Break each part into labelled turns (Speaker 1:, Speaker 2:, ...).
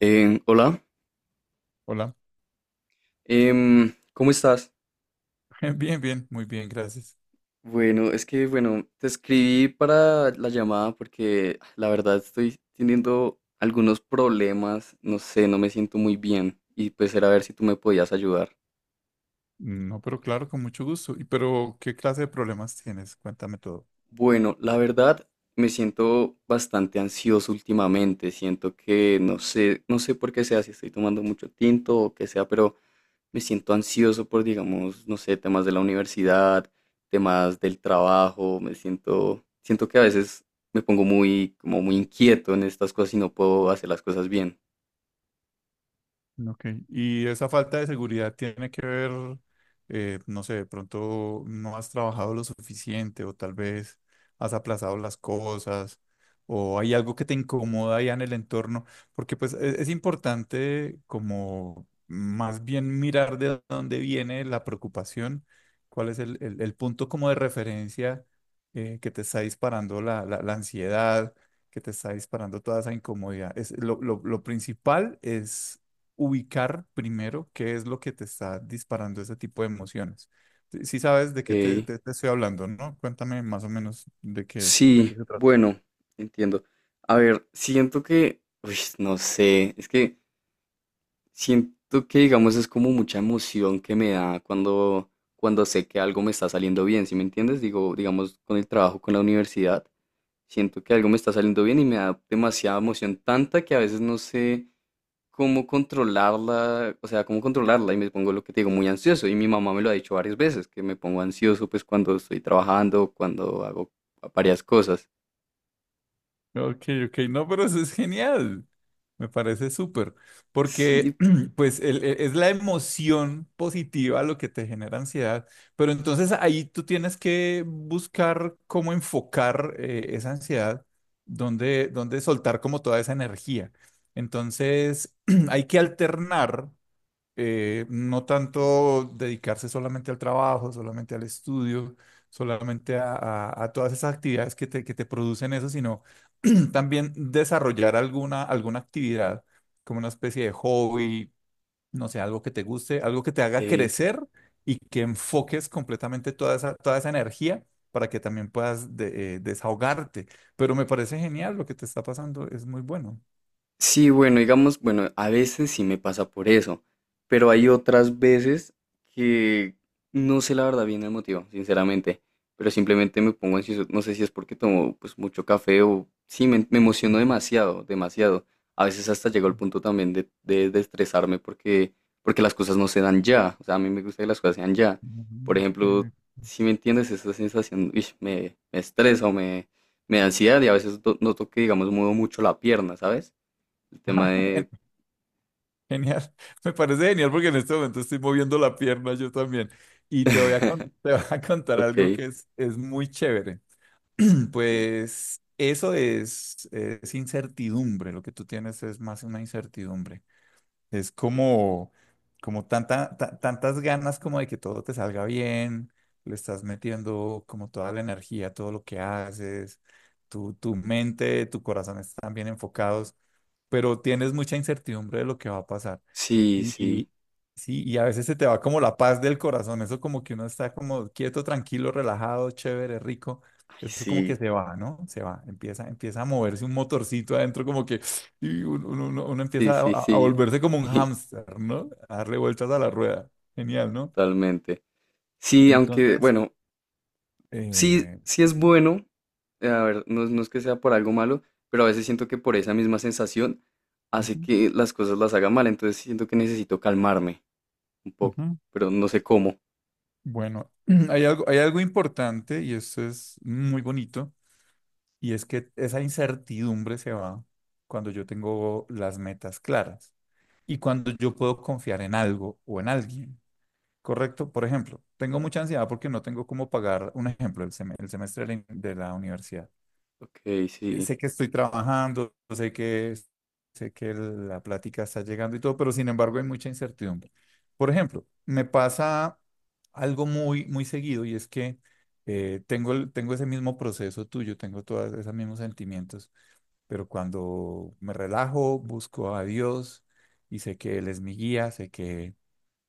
Speaker 1: Eh, hola,
Speaker 2: Hola.
Speaker 1: ¿Cómo estás?
Speaker 2: Bien, bien, muy bien, gracias.
Speaker 1: Bueno, es que, bueno, te escribí para la llamada porque la verdad estoy teniendo algunos problemas, no sé, no me siento muy bien y pues era a ver si tú me podías ayudar.
Speaker 2: No, pero claro, con mucho gusto. ¿Y pero qué clase de problemas tienes? Cuéntame todo.
Speaker 1: Bueno, la verdad me siento bastante ansioso últimamente, siento que no sé, no sé por qué sea, si estoy tomando mucho tinto o qué sea, pero me siento ansioso por, digamos, no sé, temas de la universidad, temas del trabajo, me siento, siento que a veces me pongo muy, como muy inquieto en estas cosas y no puedo hacer las cosas bien.
Speaker 2: Ok, y esa falta de seguridad tiene que ver, no sé, de pronto no has trabajado lo suficiente o tal vez has aplazado las cosas o hay algo que te incomoda ya en el entorno, porque pues es, importante como más bien mirar de dónde viene la preocupación, cuál es el punto como de referencia que te está disparando la ansiedad que te está disparando toda esa incomodidad. Es, lo principal es ubicar primero qué es lo que te está disparando ese tipo de emociones. Si sabes de qué
Speaker 1: Ey,
Speaker 2: te estoy hablando, ¿no? Cuéntame más o menos de qué es, de qué
Speaker 1: sí,
Speaker 2: se trata.
Speaker 1: bueno, entiendo. A ver, siento que, uy, no sé, es que siento que, digamos, es como mucha emoción que me da cuando, cuando sé que algo me está saliendo bien, ¿sí me entiendes? Digo, digamos, con el trabajo, con la universidad. Siento que algo me está saliendo bien y me da demasiada emoción, tanta que a veces no sé cómo controlarla, o sea, cómo controlarla y me pongo lo que te digo, muy ansioso. Y mi mamá me lo ha dicho varias veces, que me pongo ansioso pues cuando estoy trabajando, cuando hago varias cosas.
Speaker 2: Ok, ok, no, pero eso es genial. Me parece súper, porque
Speaker 1: Sí,
Speaker 2: pues es la emoción positiva lo que te genera ansiedad, pero entonces ahí tú tienes que buscar cómo enfocar esa ansiedad, dónde, dónde soltar como toda esa energía. Entonces hay que alternar no tanto dedicarse solamente al trabajo, solamente al estudio, solamente a, a todas esas actividades que te producen eso, sino también desarrollar alguna, alguna actividad, como una especie de hobby, no sé, algo que te guste, algo que te haga
Speaker 1: ok.
Speaker 2: crecer y que enfoques completamente toda esa energía para que también puedas desahogarte. Pero me parece genial lo que te está pasando, es muy bueno.
Speaker 1: Sí, bueno, digamos, bueno, a veces sí me pasa por eso, pero hay otras veces que no sé la verdad bien el motivo, sinceramente, pero simplemente me pongo ansioso, no sé si es porque tomo pues mucho café o sí, me emociono demasiado, demasiado. A veces hasta llego al punto también de estresarme porque, porque las cosas no se dan ya, o sea, a mí me gusta que las cosas sean ya.
Speaker 2: Ujú,
Speaker 1: Por ejemplo,
Speaker 2: ujú,
Speaker 1: si me entiendes, esa sensación, uish, me estresa o me da ansiedad y a veces noto que, digamos, muevo mucho la pierna, ¿sabes? El tema
Speaker 2: ok.
Speaker 1: de...
Speaker 2: Genial, me parece genial porque en este momento estoy moviendo la pierna yo también. Y te voy a, te voy a contar algo
Speaker 1: Ok.
Speaker 2: que es muy chévere.
Speaker 1: Bien.
Speaker 2: Pues eso es incertidumbre, lo que tú tienes es más una incertidumbre. Es como, como tanta, tantas ganas como de que todo te salga bien, le estás metiendo como toda la energía, todo lo que haces, tu mente, tu corazón están bien enfocados, pero tienes mucha incertidumbre de lo que va a pasar.
Speaker 1: Sí, sí.
Speaker 2: Y sí, y a veces se te va como la paz del corazón, eso como que uno está como quieto, tranquilo, relajado, chévere, rico,
Speaker 1: Ay,
Speaker 2: eso como que
Speaker 1: sí.
Speaker 2: se va, ¿no? Se va, empieza, empieza a moverse un motorcito adentro, como que y uno, uno
Speaker 1: Sí,
Speaker 2: empieza
Speaker 1: sí,
Speaker 2: a
Speaker 1: sí.
Speaker 2: volverse como un
Speaker 1: Sí,
Speaker 2: hámster, ¿no? A darle vueltas a la rueda, genial, ¿no?
Speaker 1: totalmente. Sí, aunque,
Speaker 2: Entonces,
Speaker 1: bueno, sí,
Speaker 2: eh,
Speaker 1: sí es bueno. A ver, no, no es que sea por algo malo, pero a veces siento que por esa misma sensación hace
Speaker 2: ujú,
Speaker 1: que las cosas las haga mal. Entonces siento que necesito calmarme un poco,
Speaker 2: ujú.
Speaker 1: pero no sé cómo.
Speaker 2: Bueno, hay algo importante y esto es muy bonito. Y es que esa incertidumbre se va cuando yo tengo las metas claras y cuando yo puedo confiar en algo o en alguien. Correcto, por ejemplo, tengo mucha ansiedad porque no tengo cómo pagar, un ejemplo, el, el semestre de la universidad.
Speaker 1: Ok, sí.
Speaker 2: Sé que estoy trabajando, sé que la plática está llegando y todo, pero sin embargo hay mucha incertidumbre. Por ejemplo, me pasa algo muy, muy seguido y es que tengo, tengo ese mismo proceso tuyo, tengo todos esos mismos sentimientos, pero cuando me relajo, busco a Dios y sé que Él es mi guía,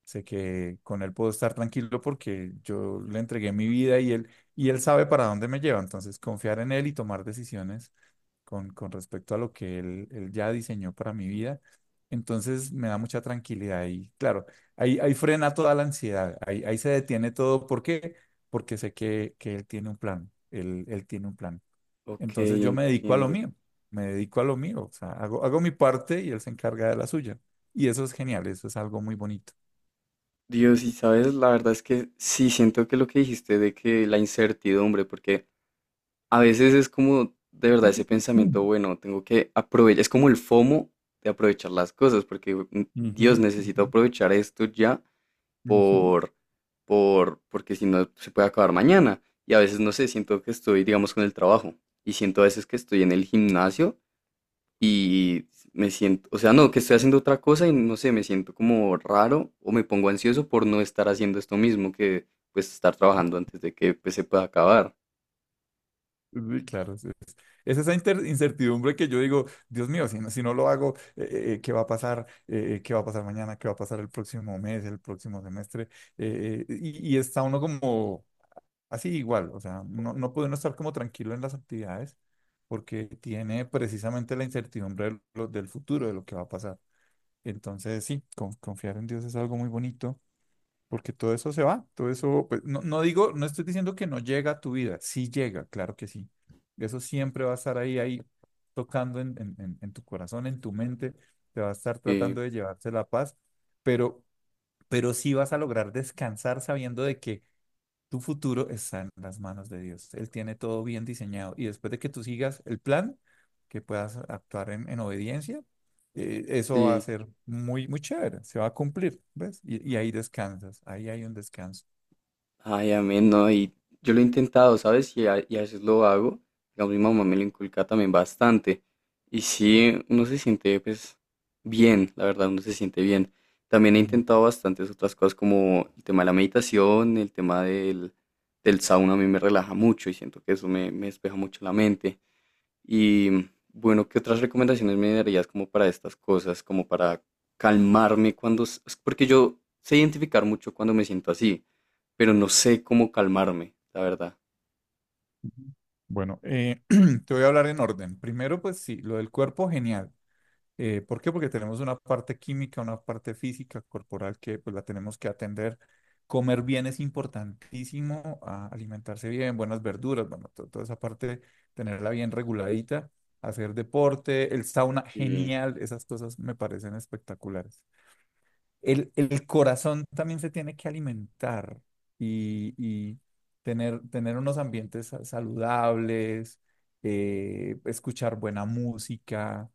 Speaker 2: sé que con Él puedo estar tranquilo porque yo le entregué mi vida y él sabe para dónde me lleva. Entonces, confiar en Él y tomar decisiones con respecto a lo que él ya diseñó para mi vida. Entonces me da mucha tranquilidad y claro, ahí, ahí frena toda la ansiedad, ahí, ahí se detiene todo. ¿Por qué? Porque sé que él tiene un plan, él tiene un plan.
Speaker 1: Ok,
Speaker 2: Entonces yo me dedico a lo
Speaker 1: entiendo.
Speaker 2: mío, me dedico a lo mío, o sea, hago, hago mi parte y él se encarga de la suya. Y eso es genial, eso es algo muy bonito.
Speaker 1: Dios, y sabes, la verdad es que sí siento que lo que dijiste de que la incertidumbre, porque a veces es como de verdad ese pensamiento,
Speaker 2: Mm.
Speaker 1: bueno, tengo que aprovechar, es como el FOMO de aprovechar las cosas, porque
Speaker 2: Ujú,
Speaker 1: Dios
Speaker 2: ujú,
Speaker 1: necesito aprovechar esto ya
Speaker 2: ujú.
Speaker 1: por, porque si no se puede acabar mañana. Y a veces no sé, siento que estoy, digamos, con el trabajo y siento a veces que estoy en el gimnasio y me siento, o sea, no, que estoy haciendo otra cosa y no sé, me siento como raro o me pongo ansioso por no estar haciendo esto mismo que pues estar trabajando antes de que pues, se pueda acabar.
Speaker 2: Sí, claro, es esa incertidumbre que yo digo, Dios mío, si no, si no lo hago, ¿qué va a pasar? ¿Qué va a pasar mañana? ¿Qué va a pasar el próximo mes, el próximo semestre? Y está uno como así igual, o sea, no, no puede uno estar como tranquilo en las actividades porque tiene precisamente la incertidumbre de del futuro, de lo que va a pasar. Entonces, sí, confiar en Dios es algo muy bonito. Porque todo eso se va, todo eso, pues, no, no digo, no estoy diciendo que no llega a tu vida, sí llega, claro que sí. Eso siempre va a estar ahí, ahí, tocando en, en tu corazón, en tu mente, te va a estar tratando
Speaker 1: Sí,
Speaker 2: de llevarse la paz, pero, pero sí vas a lograr descansar sabiendo de que tu futuro está en las manos de Dios. Él tiene todo bien diseñado. Y después de que tú sigas el plan, que puedas actuar en obediencia, eso va a
Speaker 1: sí.
Speaker 2: ser muy, muy chévere. Se va a cumplir, ¿ves? Y ahí descansas. Ahí hay un descanso.
Speaker 1: Ay, amén, no, y yo lo he intentado, ¿sabes? Y a veces lo hago. Digamos, mi mamá me lo inculca también bastante. Y sí, uno se siente, pues, bien, la verdad, uno se siente bien. También he
Speaker 2: Genial.
Speaker 1: intentado bastantes otras cosas como el tema de la meditación, el tema del, del sauna, a mí me relaja mucho y siento que eso me despeja mucho la mente. Y bueno, ¿qué otras recomendaciones me darías como para estas cosas, como para calmarme cuando... s- es Porque yo sé identificar mucho cuando me siento así, pero no sé cómo calmarme, la verdad.
Speaker 2: Ujú. Bueno, te voy a hablar en orden. Primero, pues sí, lo del cuerpo, genial. ¿Por qué? Porque tenemos una parte química, una parte física, corporal, que pues la tenemos que atender. Comer bien es importantísimo, alimentarse bien, buenas verduras, bueno, toda esa parte, tenerla bien reguladita, hacer deporte, el sauna,
Speaker 1: Y
Speaker 2: genial, esas cosas me parecen espectaculares. El corazón también se tiene que alimentar y tener, tener unos ambientes saludables, escuchar buena música,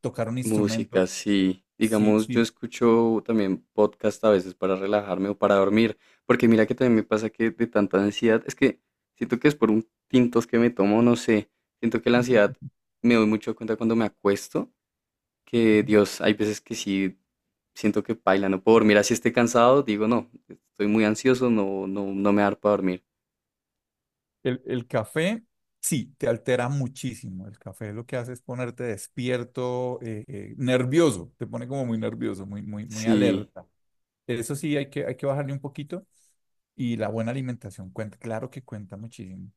Speaker 2: tocar un instrumento.
Speaker 1: música, sí.
Speaker 2: Sí,
Speaker 1: Digamos,
Speaker 2: sí.
Speaker 1: yo escucho también podcast a veces para relajarme o para dormir, porque mira que también me pasa que de tanta ansiedad, es que siento que es por un tintos que me tomo, no sé, siento que la ansiedad me doy mucho cuenta cuando me acuesto que Dios, hay veces que sí siento que paila, no puedo dormir así esté cansado, digo no, estoy muy ansioso, no, no, no me da para dormir.
Speaker 2: El café, sí, te altera muchísimo. El café lo que hace es ponerte despierto, nervioso, te pone como muy nervioso, muy, muy, muy
Speaker 1: Sí,
Speaker 2: alerta. Eso sí, hay que bajarle un poquito. Y la buena alimentación cuenta, claro que cuenta muchísimo.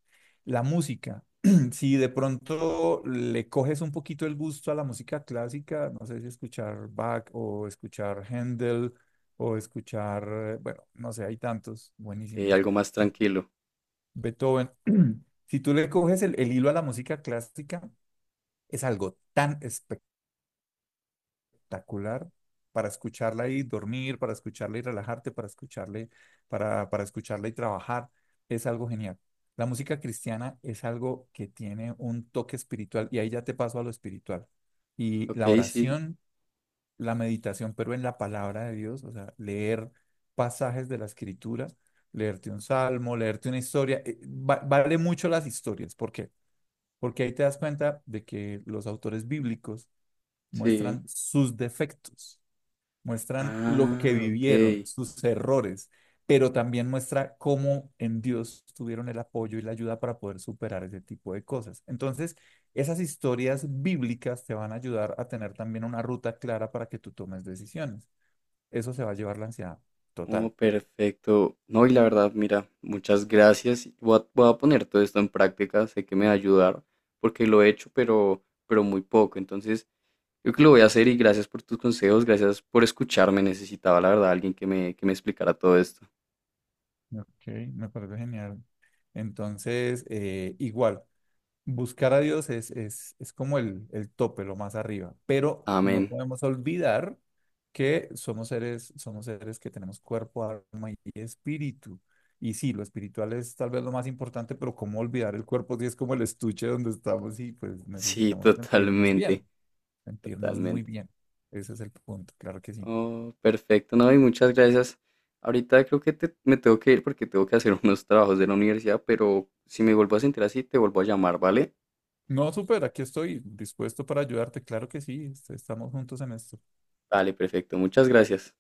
Speaker 2: La música, si de pronto le coges un poquito el gusto a la música clásica, no sé si escuchar Bach o escuchar Händel o escuchar, bueno, no sé, hay tantos
Speaker 1: ok,
Speaker 2: buenísimos.
Speaker 1: algo más tranquilo.
Speaker 2: Beethoven. Si tú le coges el hilo a la música clásica, es algo tan espectacular para escucharla y dormir, para escucharla y relajarte, para escucharle, para escucharla y trabajar. Es algo genial. La música cristiana es algo que tiene un toque espiritual y ahí ya te paso a lo espiritual. Y
Speaker 1: Ok,
Speaker 2: la
Speaker 1: sí,
Speaker 2: oración, la meditación, pero en la palabra de Dios, o sea, leer pasajes de la escritura, leerte un salmo, leerte una historia, vale mucho las historias. ¿Por qué? Porque ahí te das cuenta de que los autores bíblicos
Speaker 1: sí.
Speaker 2: muestran sus defectos, muestran lo que
Speaker 1: Ah, ok.
Speaker 2: vivieron, sus errores, pero también muestra cómo en Dios tuvieron el apoyo y la ayuda para poder superar ese tipo de cosas. Entonces, esas historias bíblicas te van a ayudar a tener también una ruta clara para que tú tomes decisiones. Eso se va a llevar la ansiedad
Speaker 1: Oh,
Speaker 2: total.
Speaker 1: perfecto. No, y la verdad, mira, muchas gracias. Voy a poner todo esto en práctica, sé que me va a ayudar, porque lo he hecho, pero muy poco. Entonces, yo creo que lo voy a hacer y gracias por tus consejos, gracias por escucharme. Necesitaba, la verdad, alguien que que me explicara todo esto.
Speaker 2: Ok, me parece genial. Entonces, igual. Buscar a Dios es como el tope, lo más arriba, pero no
Speaker 1: Amén.
Speaker 2: podemos olvidar que somos seres que tenemos cuerpo, alma y espíritu. Y sí, lo espiritual es tal vez lo más importante, pero cómo olvidar el cuerpo si es como el estuche donde estamos y pues
Speaker 1: Sí,
Speaker 2: necesitamos sentirnos
Speaker 1: totalmente,
Speaker 2: bien, sentirnos muy
Speaker 1: totalmente.
Speaker 2: bien. Ese es el punto, claro que sí.
Speaker 1: Oh, perfecto, no, y muchas gracias. Ahorita creo que me tengo que ir porque tengo que hacer unos trabajos de la universidad, pero si me vuelvo a sentir así, te vuelvo a llamar, ¿vale?
Speaker 2: No, súper, aquí estoy dispuesto para ayudarte, claro que sí, estamos juntos en esto.
Speaker 1: Vale, perfecto, muchas gracias.